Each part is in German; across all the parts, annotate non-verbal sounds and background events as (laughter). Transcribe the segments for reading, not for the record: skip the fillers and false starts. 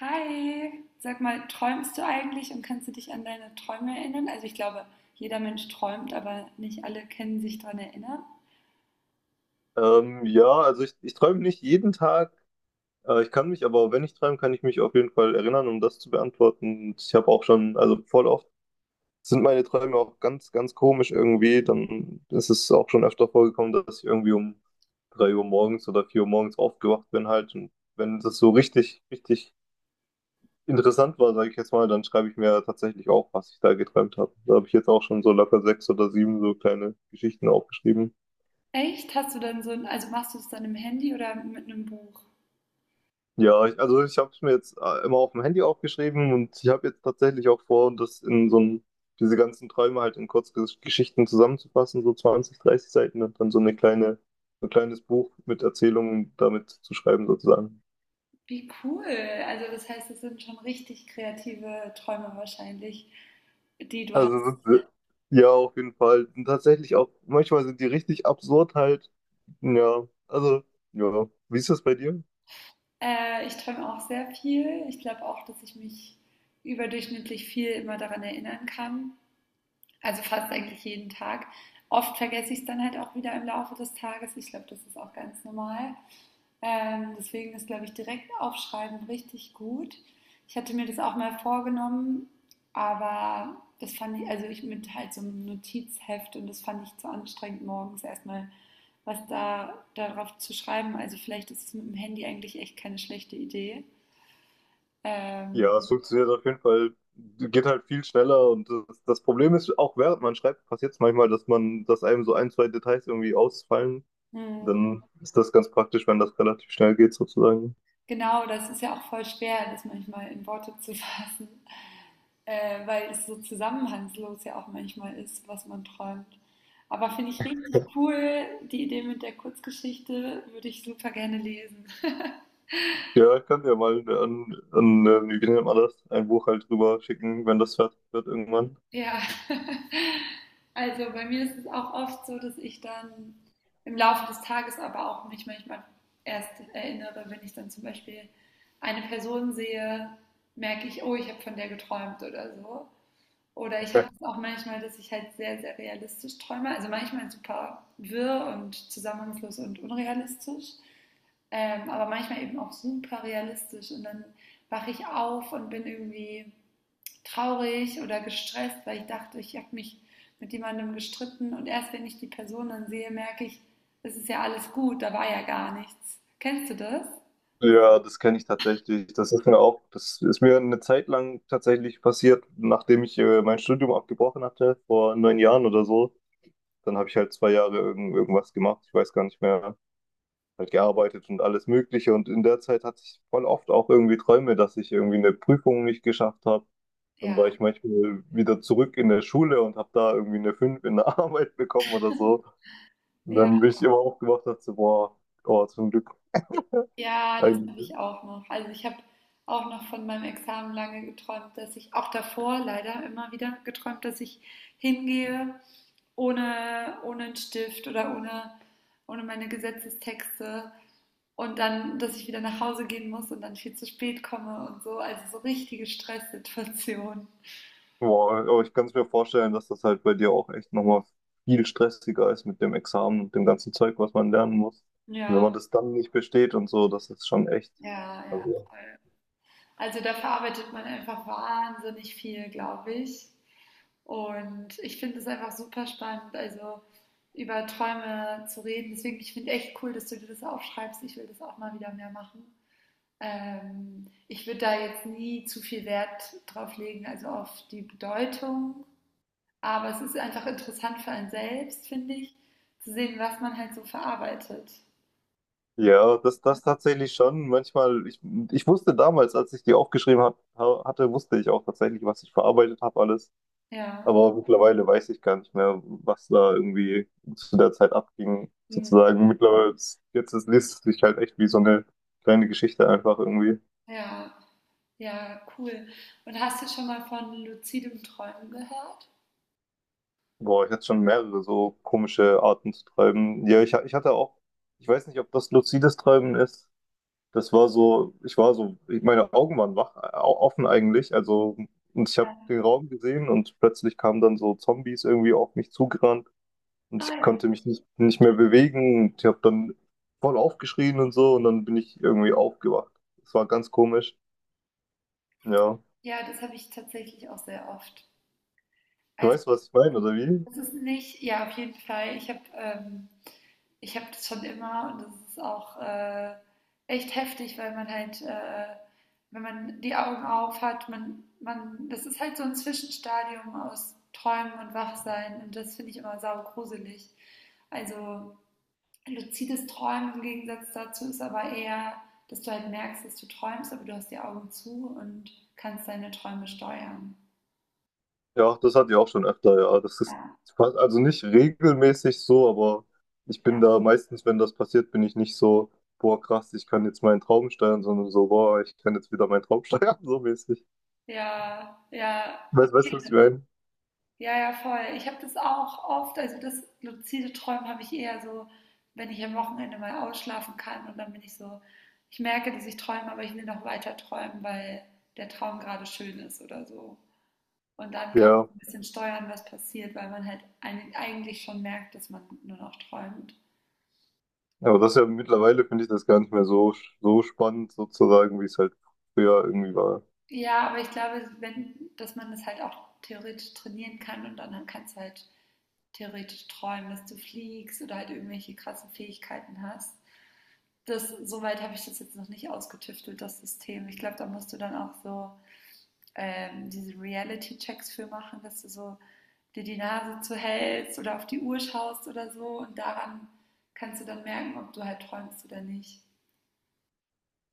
Hi, sag mal, träumst du eigentlich und kannst du dich an deine Träume erinnern? Also ich glaube, jeder Mensch träumt, aber nicht alle können sich daran erinnern. Ja, also ich träume nicht jeden Tag. Ich kann mich, aber wenn ich träume, kann ich mich auf jeden Fall erinnern, um das zu beantworten. Und ich habe auch schon, also voll oft sind meine Träume auch ganz, ganz komisch irgendwie. Dann ist es auch schon öfter vorgekommen, dass ich irgendwie um 3 Uhr morgens oder 4 Uhr morgens aufgewacht bin halt. Und wenn das so richtig, richtig interessant war, sage ich jetzt mal, dann schreibe ich mir tatsächlich auf, was ich da geträumt habe. Da habe ich jetzt auch schon so locker sechs oder sieben so kleine Geschichten aufgeschrieben. Echt? Hast du dann so ein, also machst du es dann im Handy oder mit einem Buch? Ja, ich, also ich habe es mir jetzt immer auf dem Handy aufgeschrieben und ich habe jetzt tatsächlich auch vor, das in so ein, diese ganzen Träume halt in Kurzgeschichten zusammenzufassen, so 20, 30 Seiten und dann so eine kleine, so ein kleines Buch mit Erzählungen damit zu schreiben sozusagen. Wie cool. Also das heißt, es sind schon richtig kreative Träume wahrscheinlich, die du Also hast. Ja, auf jeden Fall. Und tatsächlich auch, manchmal sind die richtig absurd halt. Ja, also ja. Wie ist das bei dir? Ich träume auch sehr viel. Ich glaube auch, dass ich mich überdurchschnittlich viel immer daran erinnern kann. Also fast eigentlich jeden Tag. Oft vergesse ich es dann halt auch wieder im Laufe des Tages. Ich glaube, das ist auch ganz normal. Deswegen ist, glaube ich, direkt aufschreiben richtig gut. Ich hatte mir das auch mal vorgenommen, aber das fand ich, also ich mit halt so einem Notizheft und das fand ich zu anstrengend, morgens erstmal was da darauf zu schreiben. Also vielleicht ist es mit dem Handy eigentlich echt keine schlechte Idee. Ähm, Ja, es funktioniert auf jeden Fall, geht halt viel schneller und das Problem ist, auch während man schreibt, passiert es manchmal, dass man, dass einem so ein, zwei Details irgendwie ausfallen. hm. Dann ist das ganz praktisch, wenn das relativ schnell geht, sozusagen. Genau, das ist ja auch voll schwer, das manchmal in Worte zu (laughs) fassen, weil es so zusammenhangslos ja auch manchmal ist, was man träumt. Aber finde ich richtig cool, die Idee mit der Kurzgeschichte würde ich super gerne lesen. (laughs) Ja, ich kann dir mal an, an wie nennt man das, ein Buch halt rüber schicken, wenn das fertig wird irgendwann. Ja, (laughs) also bei mir ist es auch oft so, dass ich dann im Laufe des Tages aber auch mich manchmal erst erinnere, wenn ich dann zum Beispiel eine Person sehe, merke ich, oh, ich habe von der geträumt oder so. Oder ich habe das auch manchmal, dass ich halt sehr, sehr realistisch träume. Also manchmal super wirr und zusammenhangslos und unrealistisch. Aber manchmal eben auch super realistisch. Und dann wache ich auf und bin irgendwie traurig oder gestresst, weil ich dachte, ich habe mich mit jemandem gestritten. Und erst wenn ich die Person dann sehe, merke ich, es ist ja alles gut, da war ja gar nichts. Kennst du das? Ja, das kenne ich tatsächlich. Das ist mir auch, das ist mir eine Zeit lang tatsächlich passiert, nachdem ich mein Studium abgebrochen hatte, vor 9 Jahren oder so. Dann habe ich halt 2 Jahre irgendwas gemacht, ich weiß gar nicht mehr, halt gearbeitet und alles Mögliche. Und in der Zeit hatte ich voll oft auch irgendwie Träume, dass ich irgendwie eine Prüfung nicht geschafft habe. Dann Ja. war ich manchmal wieder zurück in der Schule und habe da irgendwie eine 5 in der (laughs) Arbeit bekommen oder so. Und Ja. dann bin ich immer aufgewacht und dachte, so, boah, oh, zum Glück. Ja, das Ein, habe ich auch noch. Also ich habe auch noch von meinem Examen lange geträumt, dass ich auch davor leider immer wieder geträumt, dass ich hingehe ohne einen Stift oder ohne meine Gesetzestexte und dann, dass ich wieder nach Hause gehen muss und dann viel zu spät komme und so. Also so richtige Stresssituation. boah, aber ich kann es mir vorstellen, dass das halt bei dir auch echt nochmal viel stressiger ist mit dem Examen und dem ganzen Zeug, was man lernen muss. Und wenn Ja, man das dann nicht besteht und so, das ist schon echt. ja, ja, Also, voll. Also da verarbeitet man einfach wahnsinnig viel, glaube ich. Und ich finde es einfach super spannend, also über Träume zu reden. Deswegen, ich finde echt cool, dass du dir das aufschreibst. Ich will das auch mal wieder mehr machen. Ich würde da jetzt nie zu viel Wert drauf legen, also auf die Bedeutung. Aber es ist einfach interessant für einen selbst, finde ich, zu sehen, was man halt so verarbeitet. ja, das tatsächlich schon. Manchmal, ich wusste damals, als ich die aufgeschrieben hatte, wusste ich auch tatsächlich, was ich verarbeitet habe, alles. Ja. Aber mittlerweile weiß ich gar nicht mehr, was da irgendwie zu der Zeit abging, Mhm. sozusagen. Mittlerweile, liest es sich halt echt wie so eine kleine Geschichte einfach irgendwie. Ja, ja, cool. Und hast du schon mal von luzidem Träumen gehört? Boah, ich hatte schon mehrere so komische Arten zu treiben. Ja, ich hatte auch, ich weiß nicht, ob das luzides Träumen ist. Das war so, ich war so, meine Augen waren wach, offen eigentlich. Also, und ich habe Ja. den Raum gesehen und plötzlich kamen dann so Zombies irgendwie auf mich zugerannt und Ah ich ja. konnte mich nicht mehr bewegen und ich habe dann voll aufgeschrien und so und dann bin ich irgendwie aufgewacht. Das war ganz komisch. Ja. Ja, das habe ich tatsächlich auch sehr oft. Du Also, weißt, was ich meine, oder wie? das ist nicht ja, auf jeden Fall. Ich habe ich habe das schon immer und das ist auch echt heftig, weil man halt, wenn man die Augen auf hat, das ist halt so ein Zwischenstadium aus Träumen und Wachsein und das finde ich immer saugruselig. Also, luzides Träumen im Gegensatz dazu ist aber eher, dass du halt merkst, dass du träumst, aber du hast die Augen zu und kannst deine Träume steuern. Ja, das hatte ich auch schon öfter, ja. Das ist Ja, also nicht regelmäßig so, aber ich bin da ja, meistens, wenn das passiert, bin ich nicht so, boah, krass, ich kann jetzt meinen Traum steuern, sondern so, boah, ich kann jetzt wieder meinen Traum steuern, (laughs) so mäßig. ja, ja, Weißt du, was ich okay. meine? Ja, ja, voll. Ich habe das auch oft, also das luzide Träumen habe ich eher so, wenn ich am Wochenende mal ausschlafen kann und dann bin ich so, ich merke, dass ich träume, aber ich will noch weiter träumen, weil der Traum gerade schön ist oder so. Und dann kann man Ja, so ein bisschen steuern, was passiert, weil man halt eigentlich schon merkt, dass man nur noch träumt. aber das ist ja mittlerweile finde ich das gar nicht mehr so, so spannend sozusagen, wie es halt früher irgendwie war. Ja, aber ich glaube, wenn, dass man das halt auch theoretisch trainieren kann und dann kannst du halt theoretisch träumen, dass du fliegst oder halt irgendwelche krassen Fähigkeiten hast. Das, soweit habe ich das jetzt noch nicht ausgetüftelt, das System. Ich glaube, da musst du dann auch so diese Reality-Checks für machen, dass du so dir die Nase zuhältst oder auf die Uhr schaust oder so und daran kannst du dann merken, ob du halt träumst oder nicht.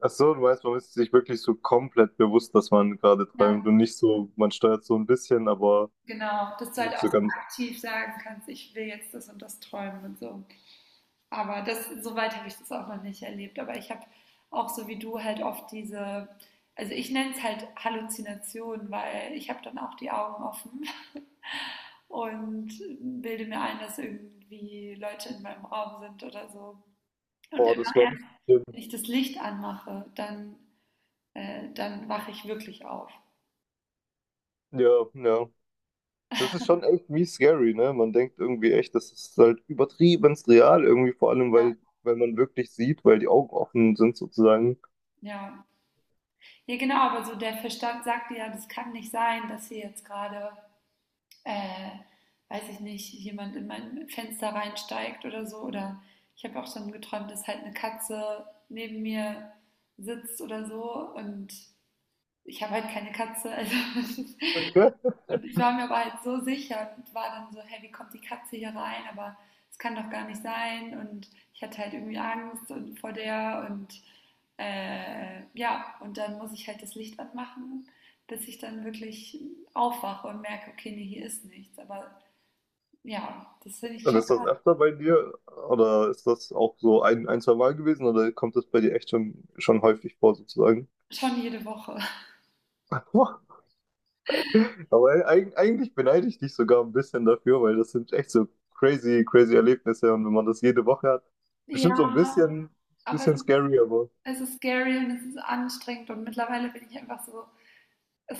Ach so, du meinst, man ist sich wirklich so komplett bewusst, dass man gerade träumt Ja, und nicht so, man steuert so ein bisschen, aber genau, dass du halt nicht auch so so ganz, aktiv sagen kannst, ich will jetzt das und das träumen und so. Aber das, soweit habe ich das auch noch nicht erlebt. Aber ich habe auch so wie du halt oft diese, also ich nenne es halt Halluzinationen, weil ich habe dann auch die Augen offen und bilde mir ein, dass irgendwie Leute in meinem Raum sind oder so. Und boah, immer das war erst, richtig schlimm. wenn ich das Licht anmache, dann wache ich wirklich auf. Ja, ja. Das ist schon irgendwie scary, ne? Man denkt irgendwie echt, das ist halt übertriebenst real, irgendwie vor allem, Ja. weil man wirklich sieht, weil die Augen offen sind sozusagen. Ja. Ja, genau, aber so der Verstand sagt ja, das kann nicht sein, dass hier jetzt gerade, äh, weiß ich nicht, jemand in mein Fenster reinsteigt oder so. Oder ich habe auch schon geträumt, dass halt eine Katze neben mir sitzt oder so und ich habe halt keine Katze, also (laughs) (laughs) Und ich war mir aber halt so sicher und war dann so, hey, wie kommt die Katze hier rein? Aber es kann doch gar nicht sein. Und ich hatte halt irgendwie Angst und vor der und ja, und dann muss ich halt das Licht anmachen, bis ich dann wirklich aufwache und merke, okay, nee, hier ist nichts. Aber ja, das finde ich Und schon, ist das öfter bei dir oder ist das auch so ein, zwei Mal gewesen oder kommt das bei dir echt schon häufig vor sozusagen? schon jede Woche. (laughs) Aber eigentlich beneide ich dich sogar ein bisschen dafür, weil das sind echt so crazy, crazy Erlebnisse und wenn man das jede Woche hat, bestimmt so ein Ja, bisschen, aber bisschen scary, aber es ist scary und es ist anstrengend und mittlerweile bin ich einfach so,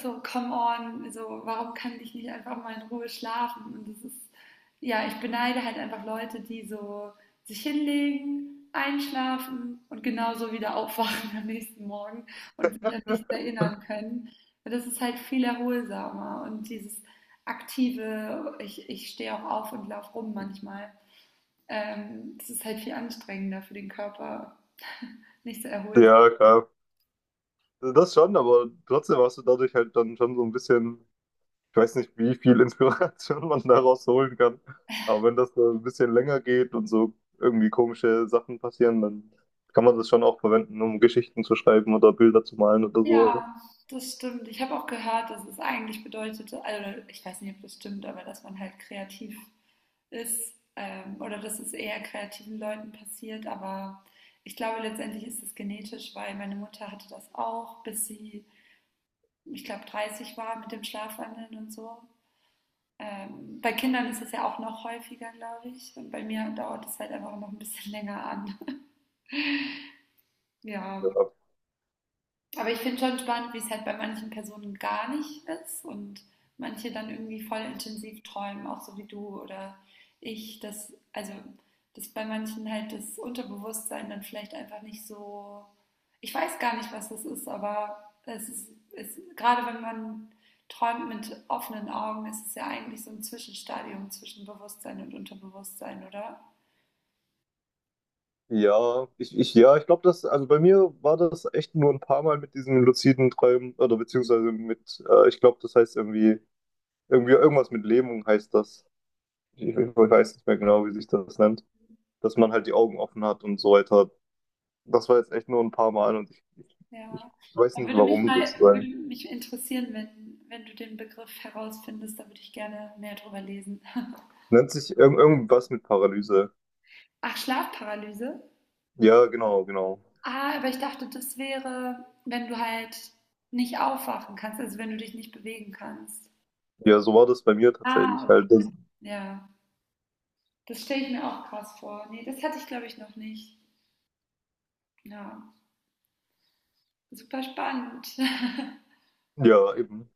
so, come on, so, warum kann ich nicht einfach mal in Ruhe schlafen? Und das ist, ja, ich beneide halt einfach Leute, die so sich hinlegen, einschlafen und genauso wieder aufwachen am nächsten Morgen und sich an nichts erinnern können. Und das ist halt viel erholsamer und dieses aktive, ich stehe auch auf und laufe rum manchmal, das ist halt viel anstrengender für den Körper, (laughs) nicht so erholsam. ja, klar. Das schon, aber trotzdem hast du dadurch halt dann schon so ein bisschen, ich weiß nicht, wie viel Inspiration (laughs) man daraus holen kann. Aber wenn das so ein bisschen länger geht und so irgendwie komische Sachen passieren, dann kann man das schon auch verwenden, um Geschichten zu schreiben oder Bilder zu malen oder so. Ja, das stimmt. Ich habe auch gehört, dass es eigentlich bedeutete, also ich weiß nicht, ob das stimmt, aber dass man halt kreativ ist oder dass es eher kreativen Leuten passiert. Aber ich glaube, letztendlich ist es genetisch, weil meine Mutter hatte das auch, bis sie, ich glaube, 30 war mit dem Schlafwandeln und so. Bei Kindern ist es ja auch noch häufiger, glaube ich. Und bei mir dauert es halt einfach noch ein bisschen länger an. (laughs) Ja, Ja, aber ich finde schon spannend, wie es halt bei manchen Personen gar nicht ist und manche dann irgendwie voll intensiv träumen, auch so wie du oder ich, dass, also, dass bei manchen halt das Unterbewusstsein dann vielleicht einfach nicht so, ich weiß gar nicht, was das ist, aber es ist, ist gerade wenn man träumt mit offenen Augen, ist es ja eigentlich so ein Zwischenstadium zwischen Bewusstsein und Unterbewusstsein, oder? ja, ich, ja, ich glaube, das, also bei mir war das echt nur ein paar Mal mit diesen luziden Träumen oder beziehungsweise mit, ich glaube, das heißt irgendwie irgendwas mit Lähmung heißt das. Ich weiß nicht mehr genau, wie sich das nennt. Dass man halt die Augen offen hat und so weiter. Das war jetzt echt nur ein paar Mal und ich Ja. weiß Aber nicht würde mich warum mal, würde sozusagen. mich interessieren, wenn, wenn du den Begriff herausfindest, da würde ich gerne mehr drüber lesen. Nennt sich irgendwas mit Paralyse. Ach, Schlafparalyse? Ja, genau, genau. Ah, aber ich dachte, das wäre, wenn du halt nicht aufwachen kannst, also wenn du dich nicht bewegen kannst. Ja, so war das bei mir Ah, tatsächlich okay. halt. Das, Ja, das stelle ich mir auch krass vor. Nee, das hatte ich, glaube ich, noch nicht. Ja, super spannend. ja, eben.